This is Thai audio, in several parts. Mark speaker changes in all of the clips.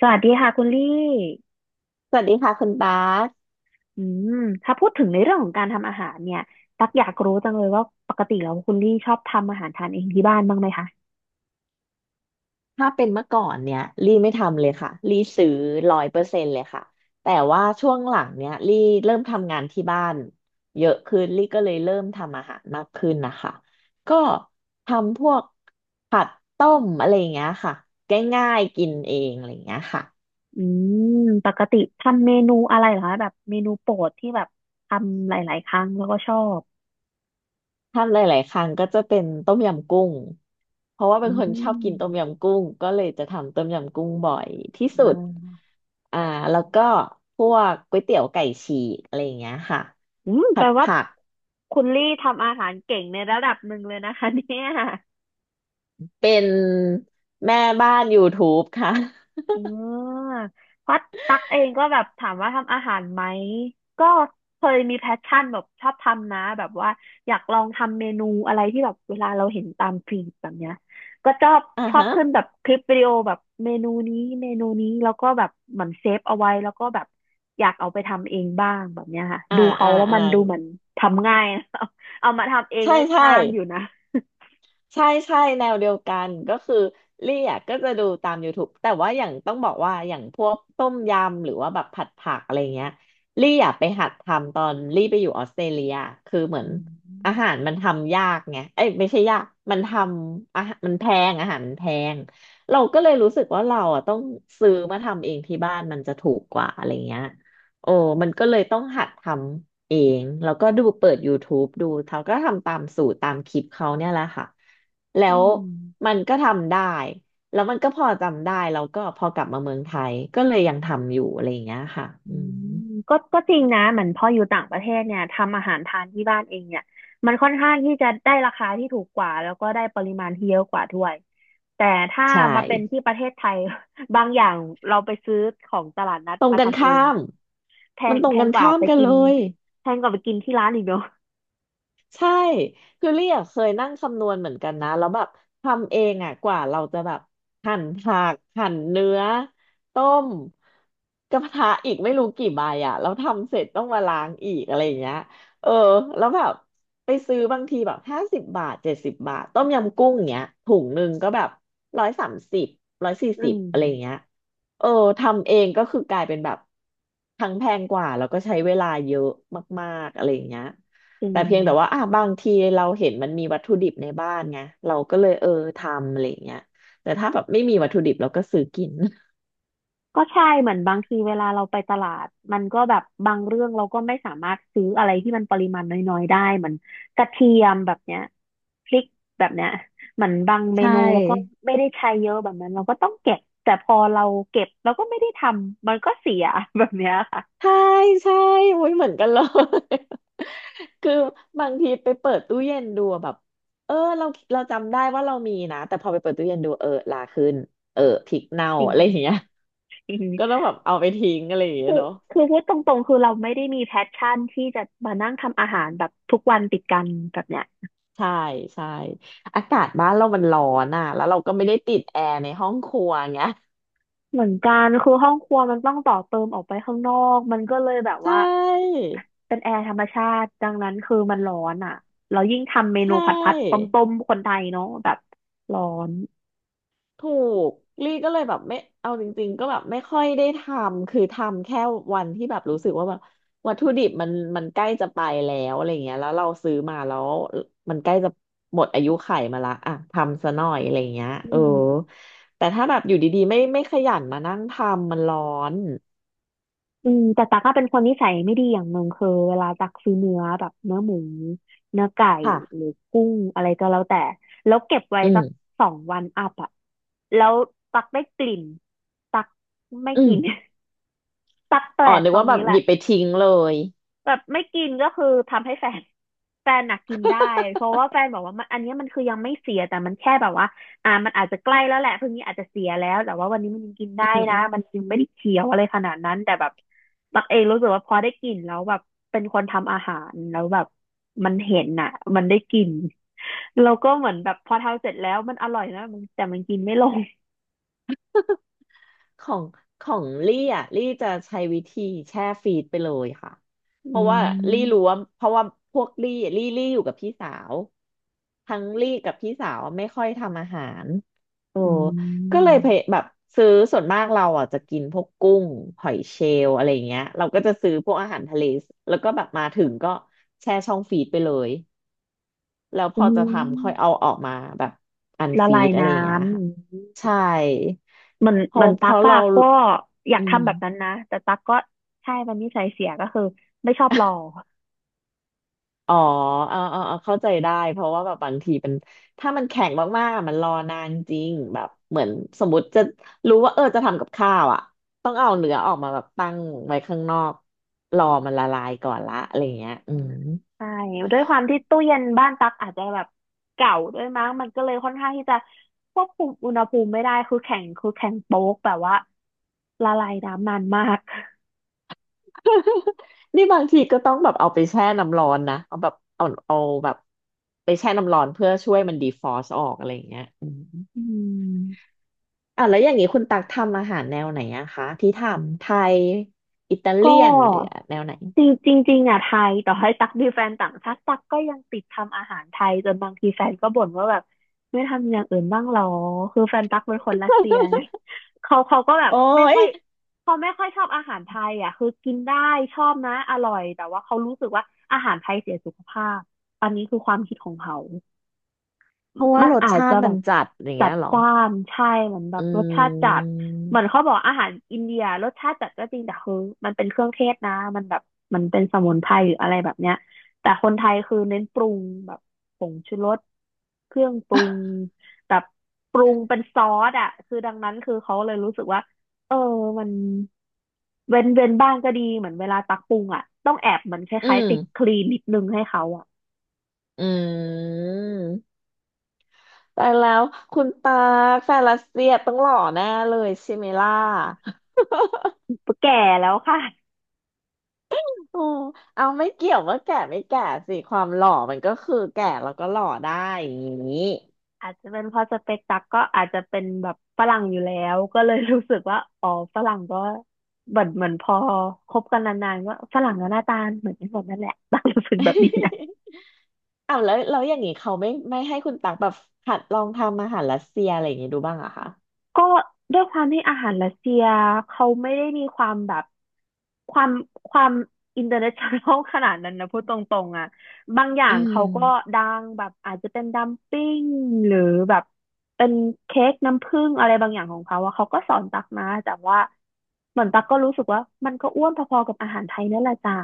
Speaker 1: สวัสดีค่ะคุณลี่
Speaker 2: สวัสดีค่ะคุณบาส
Speaker 1: อืมถ้าพูดถึงในเรื่องของการทำอาหารเนี่ยตักอยากรู้จังเลยว่าปกติแล้วคุณลี่ชอบทำอาหารทานเองที่บ้านบ้างไหมคะ
Speaker 2: ถ้าเป็นเมื่อก่อนเนี่ยลี่ไม่ทำเลยค่ะลี่ซื้อร้อยเปอร์เซ็นต์เลยค่ะแต่ว่าช่วงหลังเนี่ยลี่เริ่มทำงานที่บ้านเยอะขึ้นลี่ก็เลยเริ่มทำอาหารมากขึ้นนะคะก็ทำพวกผัดต้มอะไรอย่างเงี้ยค่ะง่ายๆกินเองอะไรอย่างเงี้ยค่ะ
Speaker 1: อืมปกติทำเมนูอะไรเหรอคะแบบเมนูโปรดที่แบบทำหลายๆครั้งแล้วก็ชอบ
Speaker 2: ทำหลาย ๆ ครั้งก็จะเป็นต้มยำกุ้งเพราะว่าเป็
Speaker 1: อื
Speaker 2: นคนชอบกินต้ม
Speaker 1: ม
Speaker 2: ยำกุ้งก็เลยจะทำต้มยำกุ้งบ่อยที่สุ
Speaker 1: อ่
Speaker 2: ด
Speaker 1: า
Speaker 2: อ่าแล้วก็พวกก๋วยเตี๋ยวไก่ฉีกอะไรอย่างเงี้ยค่ะ
Speaker 1: อืมแป
Speaker 2: ผั
Speaker 1: ล
Speaker 2: ด
Speaker 1: ว่า
Speaker 2: ผัก
Speaker 1: คุณลี่ทำอาหารเก่งในระดับหนึ่งเลยนะคะเนี่ย
Speaker 2: เป็นแม่บ้าน YouTube ค่ะ
Speaker 1: อืมเพราะตักเองก็แบบถามว่าทำอาหารไหม ก็เคยมีแพชชั่นแบบชอบทำนะแบบว่าอยากลองทำเมนูอะไรที่แบบเวลาเราเห็นตามฟีดแบบเนี้ย ก็ชอบ
Speaker 2: อ่า
Speaker 1: ชอบ
Speaker 2: ฮะ
Speaker 1: ขึ้นแบบคลิปวิดีโอแบบเมนูนี้เมนูนี้แล้วก็แบบเหมือนเซฟเอาไว้แล้วก็แบบอยากเอาไปทำเองบ้างแบบเนี้ยค่ะ
Speaker 2: อ่า
Speaker 1: ดูเขา
Speaker 2: อ่า
Speaker 1: แล้ว
Speaker 2: อ่า
Speaker 1: มันดูเหมือนทำง่าย นะเอามาทำเอง
Speaker 2: ใช่
Speaker 1: ก็
Speaker 2: ใช่
Speaker 1: นานอยู่นะ
Speaker 2: ใช่ใช่แนวเดียวกันก็คือลี่อ่ะก็จะดูตาม YouTube แต่ว่าอย่างต้องบอกว่าอย่างพวกต้มยำหรือว่าแบบผัดผักอะไรเงี้ยลี่อ่ะไปหัดทำตอนลี่ไปอยู่ออสเตรเลียคือเหมือ
Speaker 1: อื
Speaker 2: นอาหาร
Speaker 1: ม
Speaker 2: มันทำยากไงเอ้ยไม่ใช่ยากมันทำอาหารมันแพงอาหารมันแพงเราก็เลยรู้สึกว่าเราอ่ะต้องซื้อมาทำเองที่บ้านมันจะถูกกว่าอะไรเงี้ยโอ้มันก็เลยต้องหัดทำเองแล้วก็ดูเปิด YouTube ดูเขาก็ทำตามสูตรตามคลิปเขาเนี่ยแหละค่ะ แล้
Speaker 1: อื
Speaker 2: ว
Speaker 1: ม
Speaker 2: มันก็ทำได้ แล้วมันก็พอจำได้ แล้วก็พอกลับมาเมืองไทยก็เลยยังทำอยู่อะไรอย่างเงี้ยค่ะ
Speaker 1: อื
Speaker 2: อืม
Speaker 1: มก็ก็จริงนะเหมือนพออยู่ต่างประเทศเนี่ยทำอาหารทานที่บ้านเองเนี่ยมันค่อนข้างที่จะได้ราคาที่ถูกกว่าแล้วก็ได้ปริมาณที่เยอะกว่าด้วยแต่ถ้า
Speaker 2: ใช่
Speaker 1: มาเป็นที่ประเทศไทย บางอย่างเราไปซื้อของตลาดนัด
Speaker 2: ตรง
Speaker 1: มา
Speaker 2: กัน
Speaker 1: ทำเอง
Speaker 2: ข้าม
Speaker 1: แพ
Speaker 2: มั
Speaker 1: ง
Speaker 2: นตร
Speaker 1: แพ
Speaker 2: งกั
Speaker 1: ง
Speaker 2: น
Speaker 1: กว่า
Speaker 2: ข้าม
Speaker 1: ไป
Speaker 2: กัน
Speaker 1: กิ
Speaker 2: เล
Speaker 1: น
Speaker 2: ย
Speaker 1: แพงกว่าไปกินที่ร้านอีกเนอะ
Speaker 2: ใช่คือเรียกเคยนั่งคำนวณเหมือนกันนะแล้วแบบทำเองอ่ะกว่าเราจะแบบหั่นผักหั่นเนื้อต้มกระทะอีกไม่รู้กี่ใบอ่ะแล้วทำเสร็จต้องมาล้างอีกอะไรอย่างเงี้ยเออแล้วแบบไปซื้อบางทีแบบห้าสิบบาทเจ็ดสิบบาทต้มยำกุ้งเงี้ยถุงหนึ่งก็แบบร้อยสามสิบร้อยสี่
Speaker 1: อื
Speaker 2: สิบ
Speaker 1: ม
Speaker 2: อะไรอย่างเงี้ยเออทำเองก็คือกลายเป็นแบบทั้งแพงกว่าแล้วก็ใช้เวลาเยอะมากๆอะไรอย่างเงี้ย
Speaker 1: จริง
Speaker 2: แต่เพียงแต่ว่าอ่ะบางทีเราเห็นมันมีวัตถุดิบในบ้านไงเราก็เลยเออทำอะไรอย่างเงี้ยแต่ถ้าแบบไม่มีวัตถุดิบเราก็ซื้อกิน
Speaker 1: ก็ใช่เหมือนบางทีเวลาเราไปตลาดมันก็แบบบางเรื่องเราก็ไม่สามารถซื้ออะไรที่มันปริมาณน้อยๆได้เหมือนกระเทียมแบบเนี้ยพริกแบบเนี้ยเหมือนบางเม
Speaker 2: ใช
Speaker 1: นูแล้วก็
Speaker 2: ่
Speaker 1: ไม่ได้ใช้เยอะแบบนั้นเราก็ต้องเก็บแต่พอเราเก็บเราก็ไม่ได้ทำมันก็เสียแบบเนี้ยค่ะ
Speaker 2: ใช่ใช่โอ้ยเหมือนกันเลย คือบางทีไปเปิดตู้เย็นดูอะแบบเออเราจำได้ว่าเรามีนะแต่พอไปเปิดตู้เย็นดูเออลาขึ้นเออพริกเน่า
Speaker 1: จริง
Speaker 2: อะไรอย่างเงี้ย
Speaker 1: จริง
Speaker 2: ก็ต้องแบบเอาไปทิ้งอะไรอย่างเงี้
Speaker 1: คื
Speaker 2: ย
Speaker 1: อ
Speaker 2: เนาะ
Speaker 1: คือพูดตรงๆคือเราไม่ได้มีแพชชั่นที่จะมานั่งทำอาหารแบบทุกวันติดกันแบบเนี้ย
Speaker 2: ใช่ใช่อากาศบ้านเรามันร้อนอ่ะแล้วเราก็ไม่ได้ติดแอร์ในห้องครัวไงย
Speaker 1: เหมือนกันคือห้องครัวมันต้องต่อเติมออกไปข้างนอกมันก็เลยแบบ
Speaker 2: ใช่
Speaker 1: ว่าเป็นแอร์ธรรมชาติดังนั้นคือมันร้อนอ่ะเรายิ่งทำเมนู
Speaker 2: ใช่
Speaker 1: ผัดผัดต้มต้มคนไทยเนาะแบบร้อน
Speaker 2: ถูกลี่ก็เลยแบบไม่เอาจริงๆก็แบบไม่ค่อยได้ทำคือทำแค่วันที่แบบรู้สึกว่าแบบวัตถุดิบมันใกล้จะไปแล้วอะไรเงี้ยแล้วเราซื้อมาแล้วมันใกล้จะหมดอายุไขมาละอ่ะทำซะหน่อยอะไรเงี้ย
Speaker 1: อื
Speaker 2: เออ
Speaker 1: ม
Speaker 2: แต่ถ้าแบบอยู่ดีๆไม่ขยันมานั่งทำมันร้อน
Speaker 1: อืมแต่ตักก็เป็นคนนิสัยไม่ดีอย่างหนึ่งคือเวลาตักซื้อเนื้อแบบเนื้อหมูเนื้อไก่
Speaker 2: ค่ะ
Speaker 1: หรือกุ้งอะไรก็แล้วแต่แล้วเก็บไว้
Speaker 2: อื
Speaker 1: สัก
Speaker 2: ม
Speaker 1: สองวันอัพอ่ะแล้วตักได้กลิ่นตักไม่
Speaker 2: อื
Speaker 1: กิ
Speaker 2: ม
Speaker 1: น ตักแปล
Speaker 2: อ๋อ
Speaker 1: ก
Speaker 2: นึก
Speaker 1: ตร
Speaker 2: ว่า
Speaker 1: ง
Speaker 2: แบ
Speaker 1: นี้
Speaker 2: บ
Speaker 1: แห
Speaker 2: ห
Speaker 1: ละ
Speaker 2: ยิบไปทิ้งเลย
Speaker 1: แบบไม่กินก็คือทำให้แฟน แฟนน่ะกินได้เพราะว่าแฟนบอกว่ามันอันเนี้ยมันคือยังไม่เสียแต่มันแค่แบบว่าอ่ามันอาจจะใกล้แล้วแหละพรุ่งนี้อาจจะเสียแล้วแต่ว่าวันนี้มันยังกินได้
Speaker 2: อื
Speaker 1: นะมัน
Speaker 2: ม
Speaker 1: ยังไม่ได้เขียวอะไรขนาดนั้นแต่แบบตักเองรู้สึกว่าพอได้กินแล้วแบบเป็นคนทำอาหารแล้วแบบมันเห็นน่ะมันได้กินเราก็เหมือนแบบพอทำเสร็จแล้วมันอร่อยนะมันแต่มันกินไม่ลง
Speaker 2: ของของลี่อ่ะลี่จะใช้วิธีแช่ฟรีซไปเลยค่ะเพ
Speaker 1: อื
Speaker 2: ราะว่าลี่รู้
Speaker 1: ม
Speaker 2: ว่าเพราะว่าพวกลี่อยู่กับพี่สาวทั้งลี่กับพี่สาวไม่ค่อยทำอาหารโอ้
Speaker 1: อื
Speaker 2: ก็เลยเพ
Speaker 1: ม
Speaker 2: แบบซื้อส่วนมากเราอ่ะจะกินพวกกุ้งหอยเชลล์อะไรเงี้ยเราก็จะซื้อพวกอาหารทะเลแล้วก็แบบมาถึงก็แช่ช่องฟรีซไปเลยแล้วพ
Speaker 1: อื
Speaker 2: อจะทำค่อย
Speaker 1: ม
Speaker 2: เอาออกมาแบบอัน
Speaker 1: ละ
Speaker 2: ฟรี
Speaker 1: ลาย
Speaker 2: ดอะไร
Speaker 1: น้
Speaker 2: อย่างเงี้ยค่ะ
Speaker 1: ำ
Speaker 2: ใช่
Speaker 1: เหมือน
Speaker 2: เพอ
Speaker 1: เหมือน
Speaker 2: เพ
Speaker 1: ตั๊ก
Speaker 2: ราะ
Speaker 1: อะ
Speaker 2: เรา
Speaker 1: ก็อยาก
Speaker 2: อื
Speaker 1: ทำแบบนั้น
Speaker 2: ม
Speaker 1: นะแต่ตั๊กก็ใช่มันนิสัยเสียก็คือไม่ชอบรอ
Speaker 2: อ๋อเอาเข้าใจได้เพราะว่าแบบบางทีมันถ้ามันแข็งมากๆอะมันรอนานจริงแบบเหมือนสมมติจะรู้ว่าเออจะทำกับข้าวอ่ะต้องเอาเนื้อออกมาแบบตั้งไว้ข้างนอกรอมันละลายก่อนละอะไรเงี้ยอืม
Speaker 1: ใช่ด้วยความที่ตู้เย็นบ้านตั๊กอาจจะแบบเก่าด้วยมั้งมันก็เลยค่อนข้างที่จะควบคุมอุณหภูมิไม่ได้คือแข็งคือแข็งโป๊กแบบว่าละลายน้ำนานมาก
Speaker 2: นี่บางทีก็ต้องแบบเอาไปแช่น้ำร้อนนะเอาแบบไปแช่น้ำร้อนเพื่อช่วยมันดีฟรอสต์ออกอะไรเงี้ยอืม
Speaker 1: อืม
Speaker 2: อ่ะแล้วอย่างนี้คุณตักทำอาหารแนวไหนอะคะที่ทำไทยอิตา
Speaker 1: ก็
Speaker 2: เลียนหรือแนวไหน
Speaker 1: จริงจริงจริงอ่ะไทยต่อให้ตักมีแฟนต่างชาติตักก็ยังติดทำอาหารไทยจนบางทีแฟนก็บ่นว่าแบบไม่ทำอย่างอื่นบ้างหรอคือแฟนตักเป็นคนรัสเซียไง เขาก็แบบ
Speaker 2: โอ้
Speaker 1: ไม่ค่
Speaker 2: ย
Speaker 1: อยเขาไม่ค่อยชอบอาหารไทยอะคือกินได้ชอบนะอร่อยแต่ว่าเขารู้สึกว่าอาหารไทยเสียสุขภาพอันนี้คือความคิดของเขา
Speaker 2: เพราะว่า
Speaker 1: มัน
Speaker 2: รส
Speaker 1: อาจ
Speaker 2: ชา
Speaker 1: จะ
Speaker 2: ติ
Speaker 1: แบ
Speaker 2: มัน
Speaker 1: บ
Speaker 2: จัดอย่าง
Speaker 1: จั
Speaker 2: เงี้
Speaker 1: ด
Speaker 2: ยเหรอ
Speaker 1: จ้านใช่เหมือนแบ
Speaker 2: อื
Speaker 1: บรสชาติจัด
Speaker 2: ม
Speaker 1: เหมือนเขาบอกอาหารอินเดียรสชาติจัดก็จริงแต่คือมันเป็นเครื่องเทศนะมันแบบมันเป็นสมุนไพรหรืออะไรแบบเนี้ยแต่คนไทยคือเน้นปรุงแบบผงชูรสเครื่องปรุงแบบปรุงเป็นซอสอ่ะคือดังนั้นคือเขาเลยรู้สึกว่าเออมันเว้นเว้นบ้างก็ดีเหมือนเวลาตักปรุงอ่ะต้องแอบเหมือนค
Speaker 2: อื
Speaker 1: ล้ายๆ
Speaker 2: ม
Speaker 1: ติดคลีนนิดนึงให้เขาอ่ะ
Speaker 2: อืมแต่แล้วคุณตาแฟนรัสเซียต้องหล่อแน่เลยใช่ไหมล่ะ
Speaker 1: แก่แล้วค่ะ
Speaker 2: โอ้เอาไม่เกี่ยวว่าแก่ไม่แก่สิความหล่อมันก็คือแก่แล้วก็หล่อได้อย่างนี้
Speaker 1: อาจจะเป็นเพราะสเปกตักก็อาจจะเป็นแบบฝรั่งอยู่แล้วก็เลย รู้สึกว่าอ๋อฝรั่งก็เหมือนพอคบกันนานๆก็ฝรั่งก็หน้าตาเหมือนกันหมดนั่นแหละ ตักรู้สึกแบบนี้นะ
Speaker 2: อ้าวแล้วอย่างนี้เขาไม่ให้คุณตักแบบหัดลองทำอาหารรัสเซียอะไรอย่างนี้ดูบ้างอะคะ
Speaker 1: ก็ด้วยความที่อาหารรัสเซียเขาไม่ได้มีความแบบความความอินเตอร์เนชั่นแนล ขนาดนั้นนะพูดตรงๆอ่ะบางอย่า
Speaker 2: อื
Speaker 1: ง
Speaker 2: ม
Speaker 1: เขาก็ดังแบบอาจจะเป็นดัมปิ้งหรือแบบเป็นเค้กน้ำผึ้งอะไรบางอย่างของเขาอะเขาก็สอนตักมาแต่ว่าเหมือนตักก็รู้สึกว่ามันก็อ้วนพอๆกับอาหารไทยนั่นแหละจ้า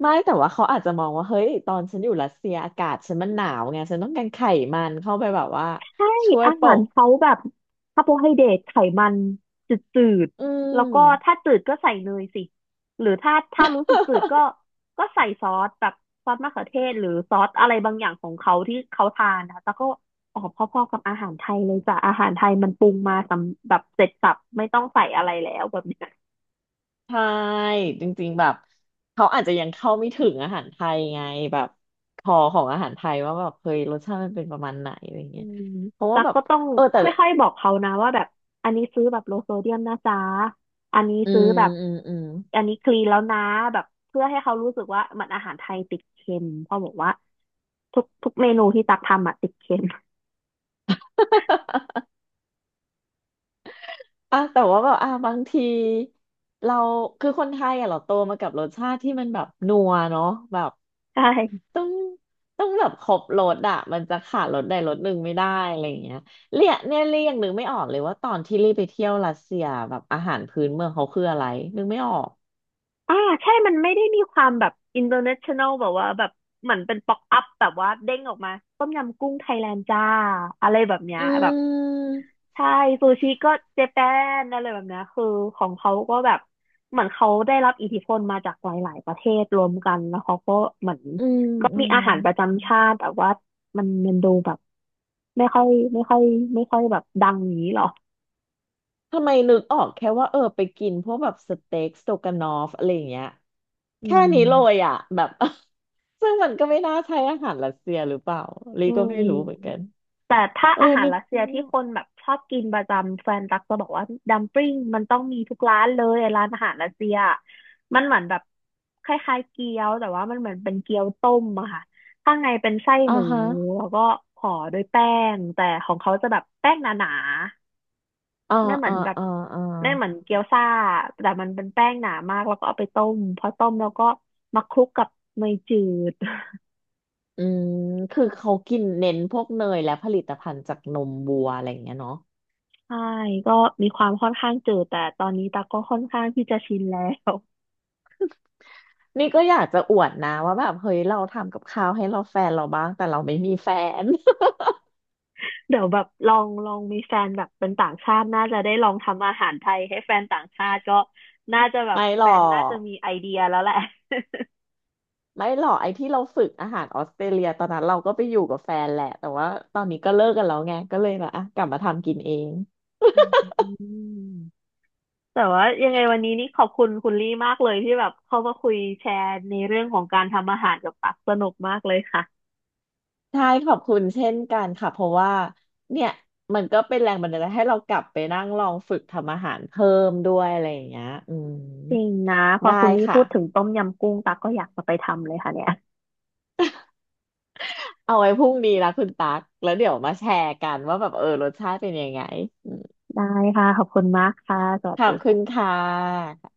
Speaker 2: ไม่แต่ว่าเขาอาจจะมองว่าเฮ้ยตอนฉันอยู่รัสเซียอากาศฉันมันหนาวไงฉันต้องการไขมันเข้าไปแบบว่า
Speaker 1: ใช่
Speaker 2: ช่วย
Speaker 1: อา
Speaker 2: ป
Speaker 1: หาร
Speaker 2: ก
Speaker 1: เขาแบบคาร์โบไฮเดรตไขมันจืด
Speaker 2: อื
Speaker 1: ๆแล้วก็ถ้า
Speaker 2: ม
Speaker 1: จืดก็ใส่เนยสิหรือถ้ารู้สึกจืดก็ใส่ซอสแบบซอสมะเขือเทศหรือซอสอะไรบางอย่างของเขาที่เขาทานนะคะแล้วก็ออกพอๆกับอาหารไทยเลยจ้ะอาหารไทยมันปรุงมาสำแบบเสร็จสับไม่ต้องใส่อะไรแล้วแบบนี้
Speaker 2: ใช่จริงๆแบบเขาอาจจะยังเข้าไม่ถึงอาหารไทยไงแบบคอของอาหารไทยว่าแบบเฮ้ยรสชาติมันเป็นประมาณไหนอะไร
Speaker 1: อื
Speaker 2: เงี้ย
Speaker 1: ม
Speaker 2: เพราะว่า
Speaker 1: ตั๊ก
Speaker 2: แบบ
Speaker 1: ก็ต้อง
Speaker 2: เออ
Speaker 1: ค
Speaker 2: แต่
Speaker 1: ่อยๆบอกเขานะว่าแบบอันนี้ซื้อแบบโลโซเดียมนะจ๊ะอันนี้
Speaker 2: อื
Speaker 1: ซื้อ
Speaker 2: ม
Speaker 1: แบบ
Speaker 2: อืม
Speaker 1: อันนี้คลีนแล้วนะแบบเพื่อให้เขารู้สึกว่ามันอาหารไทยติดเค็มเพราะบอกว่าทุกเมนูที่ตักทำอะติดเค็ม
Speaker 2: อ่ะแต่ว่าแบบอ่ะบางทีเราคือคนไทยอ่ะเราโตมากับรสชาติที่มันแบบนัวเนาะแบบ
Speaker 1: ใช่
Speaker 2: ต้องต้องแบบครบรสอะมันจะขาดรสใดรสหนึ่งไม่ได้อะไรอย่างเงี้ยเรียเนี่ยเรียกนึกไม่ออกเลยว่าตอนที่รีบไปเที่ยวรัสเซียแบบอาหารพื้นเมืองเขาคืออะไรนึกไม่ออก
Speaker 1: อ่าใช่มันไม่ได้มีความแบบ international แบบว่าแบบเหมือนเป็นป๊อกอัพแบบว่าเด้งออกมาต้มยำกุ้งไทยแลนด์จ้าอะไรแบบเนี้ย
Speaker 2: อื
Speaker 1: แบบ
Speaker 2: ม
Speaker 1: ใช่ซูชิก็เจแปนอะไรแบบเนี้ยคือของเขาก็แบบเหมือนเขาได้รับอิทธิพลมาจากหลาย ๆ ประเทศรวมกันแล้วเขาก็เหมือน
Speaker 2: อืม
Speaker 1: ก็
Speaker 2: อื
Speaker 1: มี
Speaker 2: ม
Speaker 1: อาหารประจำชาติแต่ว่ามันดูแบบไม่ค่อยไม่ค่อยไม่ค่อยแบบดังอย่างนี้หรอ
Speaker 2: ทำไมนึกออกแค่ว่าเออไปกินพวกแบบสเต็กสโตกานอฟอะไรอย่างเงี้ย
Speaker 1: อื
Speaker 2: แค่
Speaker 1: ม
Speaker 2: นี้เลยอ่ะแบบ ซึ่งมันก็ไม่น่าใช่อาหารรัสเซียหรือเปล่าลี
Speaker 1: อื
Speaker 2: ก็
Speaker 1: ม
Speaker 2: ไม่รู้เหมือนกัน
Speaker 1: แต่ถ้า
Speaker 2: เออ
Speaker 1: อาหาร
Speaker 2: นึก
Speaker 1: รัสเซีย
Speaker 2: ไม่
Speaker 1: ที่
Speaker 2: ออ
Speaker 1: ค
Speaker 2: ก
Speaker 1: นแบบชอบกินประจำแฟนตักจะบอกว่าดัมปลิ้งมันต้องมีทุกร้านเลยร้านอาหารรัสเซียมันเหมือนแบบคล้ายๆเกี๊ยวแต่ว่ามันเหมือนเป็นเกี๊ยวต้มอะค่ะข้างในเป็นไส้
Speaker 2: อ่า
Speaker 1: หมู
Speaker 2: ฮะ
Speaker 1: แล้วก็ห่อด้วยแป้งแต่ของเขาจะแบบแป้งหนา
Speaker 2: อ่า
Speaker 1: ๆไม่เหมือ
Speaker 2: อ่า
Speaker 1: นแบบ
Speaker 2: อ่าอ่า
Speaker 1: ไม่เหมือนเกี๊ยวซ่าแต่มันเป็นแป้งหนามากแล้วก็เอาไปต้มพอต้มแล้วก็มาคลุกกับเนยจืด
Speaker 2: อืมคือเขากินเน้นพวกเนยและผลิตภัณฑ์จากนมวัวอะไรอย่างเงี้ยเนาะ
Speaker 1: ใช่ก็มีความค่อนข้างจืดแต่ตอนนี้ตักก็ค่อนข้างที่จะชินแล้ว
Speaker 2: นี่ก็อยากจะอวดนะว่าแบบเฮ้ยเราทำกับข้าวให้เราแฟนเราบ้างแต่เราไม่มีแฟน
Speaker 1: เดี๋ยวแบบลองมีแฟนแบบเป็นต่างชาติน่าจะได้ลองทำอาหารไทยให้แฟนต่างชาติก็น่าจะแบบ
Speaker 2: ไม่หร
Speaker 1: แฟ
Speaker 2: อ
Speaker 1: นน่าจะ
Speaker 2: ก
Speaker 1: มีไอเดียแล้วแหละ
Speaker 2: ไม่หรอกไอ้ที่เราฝึกอาหารออสเตรเลียตอนนั้นเราก็ไปอยู่กับแฟนแหละแต่ว่าตอนนี้ก็เลิกกันแล้วไงก็เลยแบบอ่ะกลับมาทำกินเอง
Speaker 1: อืมแต่ว่ายังไงวันนี้นี่ขอบคุณคุณลี่มากเลยที่แบบเข้ามาคุยแชร์ในเรื่องของการทำอาหารกับตักสนุกมากเลยค่ะ
Speaker 2: ใช่ขอบคุณเช่นกันค่ะเพราะว่าเนี่ยมันก็เป็นแรงบันดาลใจให้เรากลับไปนั่งลองฝึกทำอาหารเพิ่มด้วยอะไรอย่างเงี้ยอืม
Speaker 1: จริงนะพอ
Speaker 2: ได้
Speaker 1: คุณลี่
Speaker 2: ค่ะ
Speaker 1: พูดถึงต้มยำกุ้งตักก็อยากจะไปทำเลยค่ะเนี่ย
Speaker 2: เอาไว้พรุ่งนี้ละคุณตั๊กแล้วเดี๋ยวมาแชร์กันว่าแบบเออรสชาติเป็นยังไงอืม
Speaker 1: ได้ค่ะขอบคุณมากค่ะสวั
Speaker 2: ข
Speaker 1: ส
Speaker 2: อ
Speaker 1: ดี
Speaker 2: บคุณ
Speaker 1: ค่ะ
Speaker 2: ค่ะ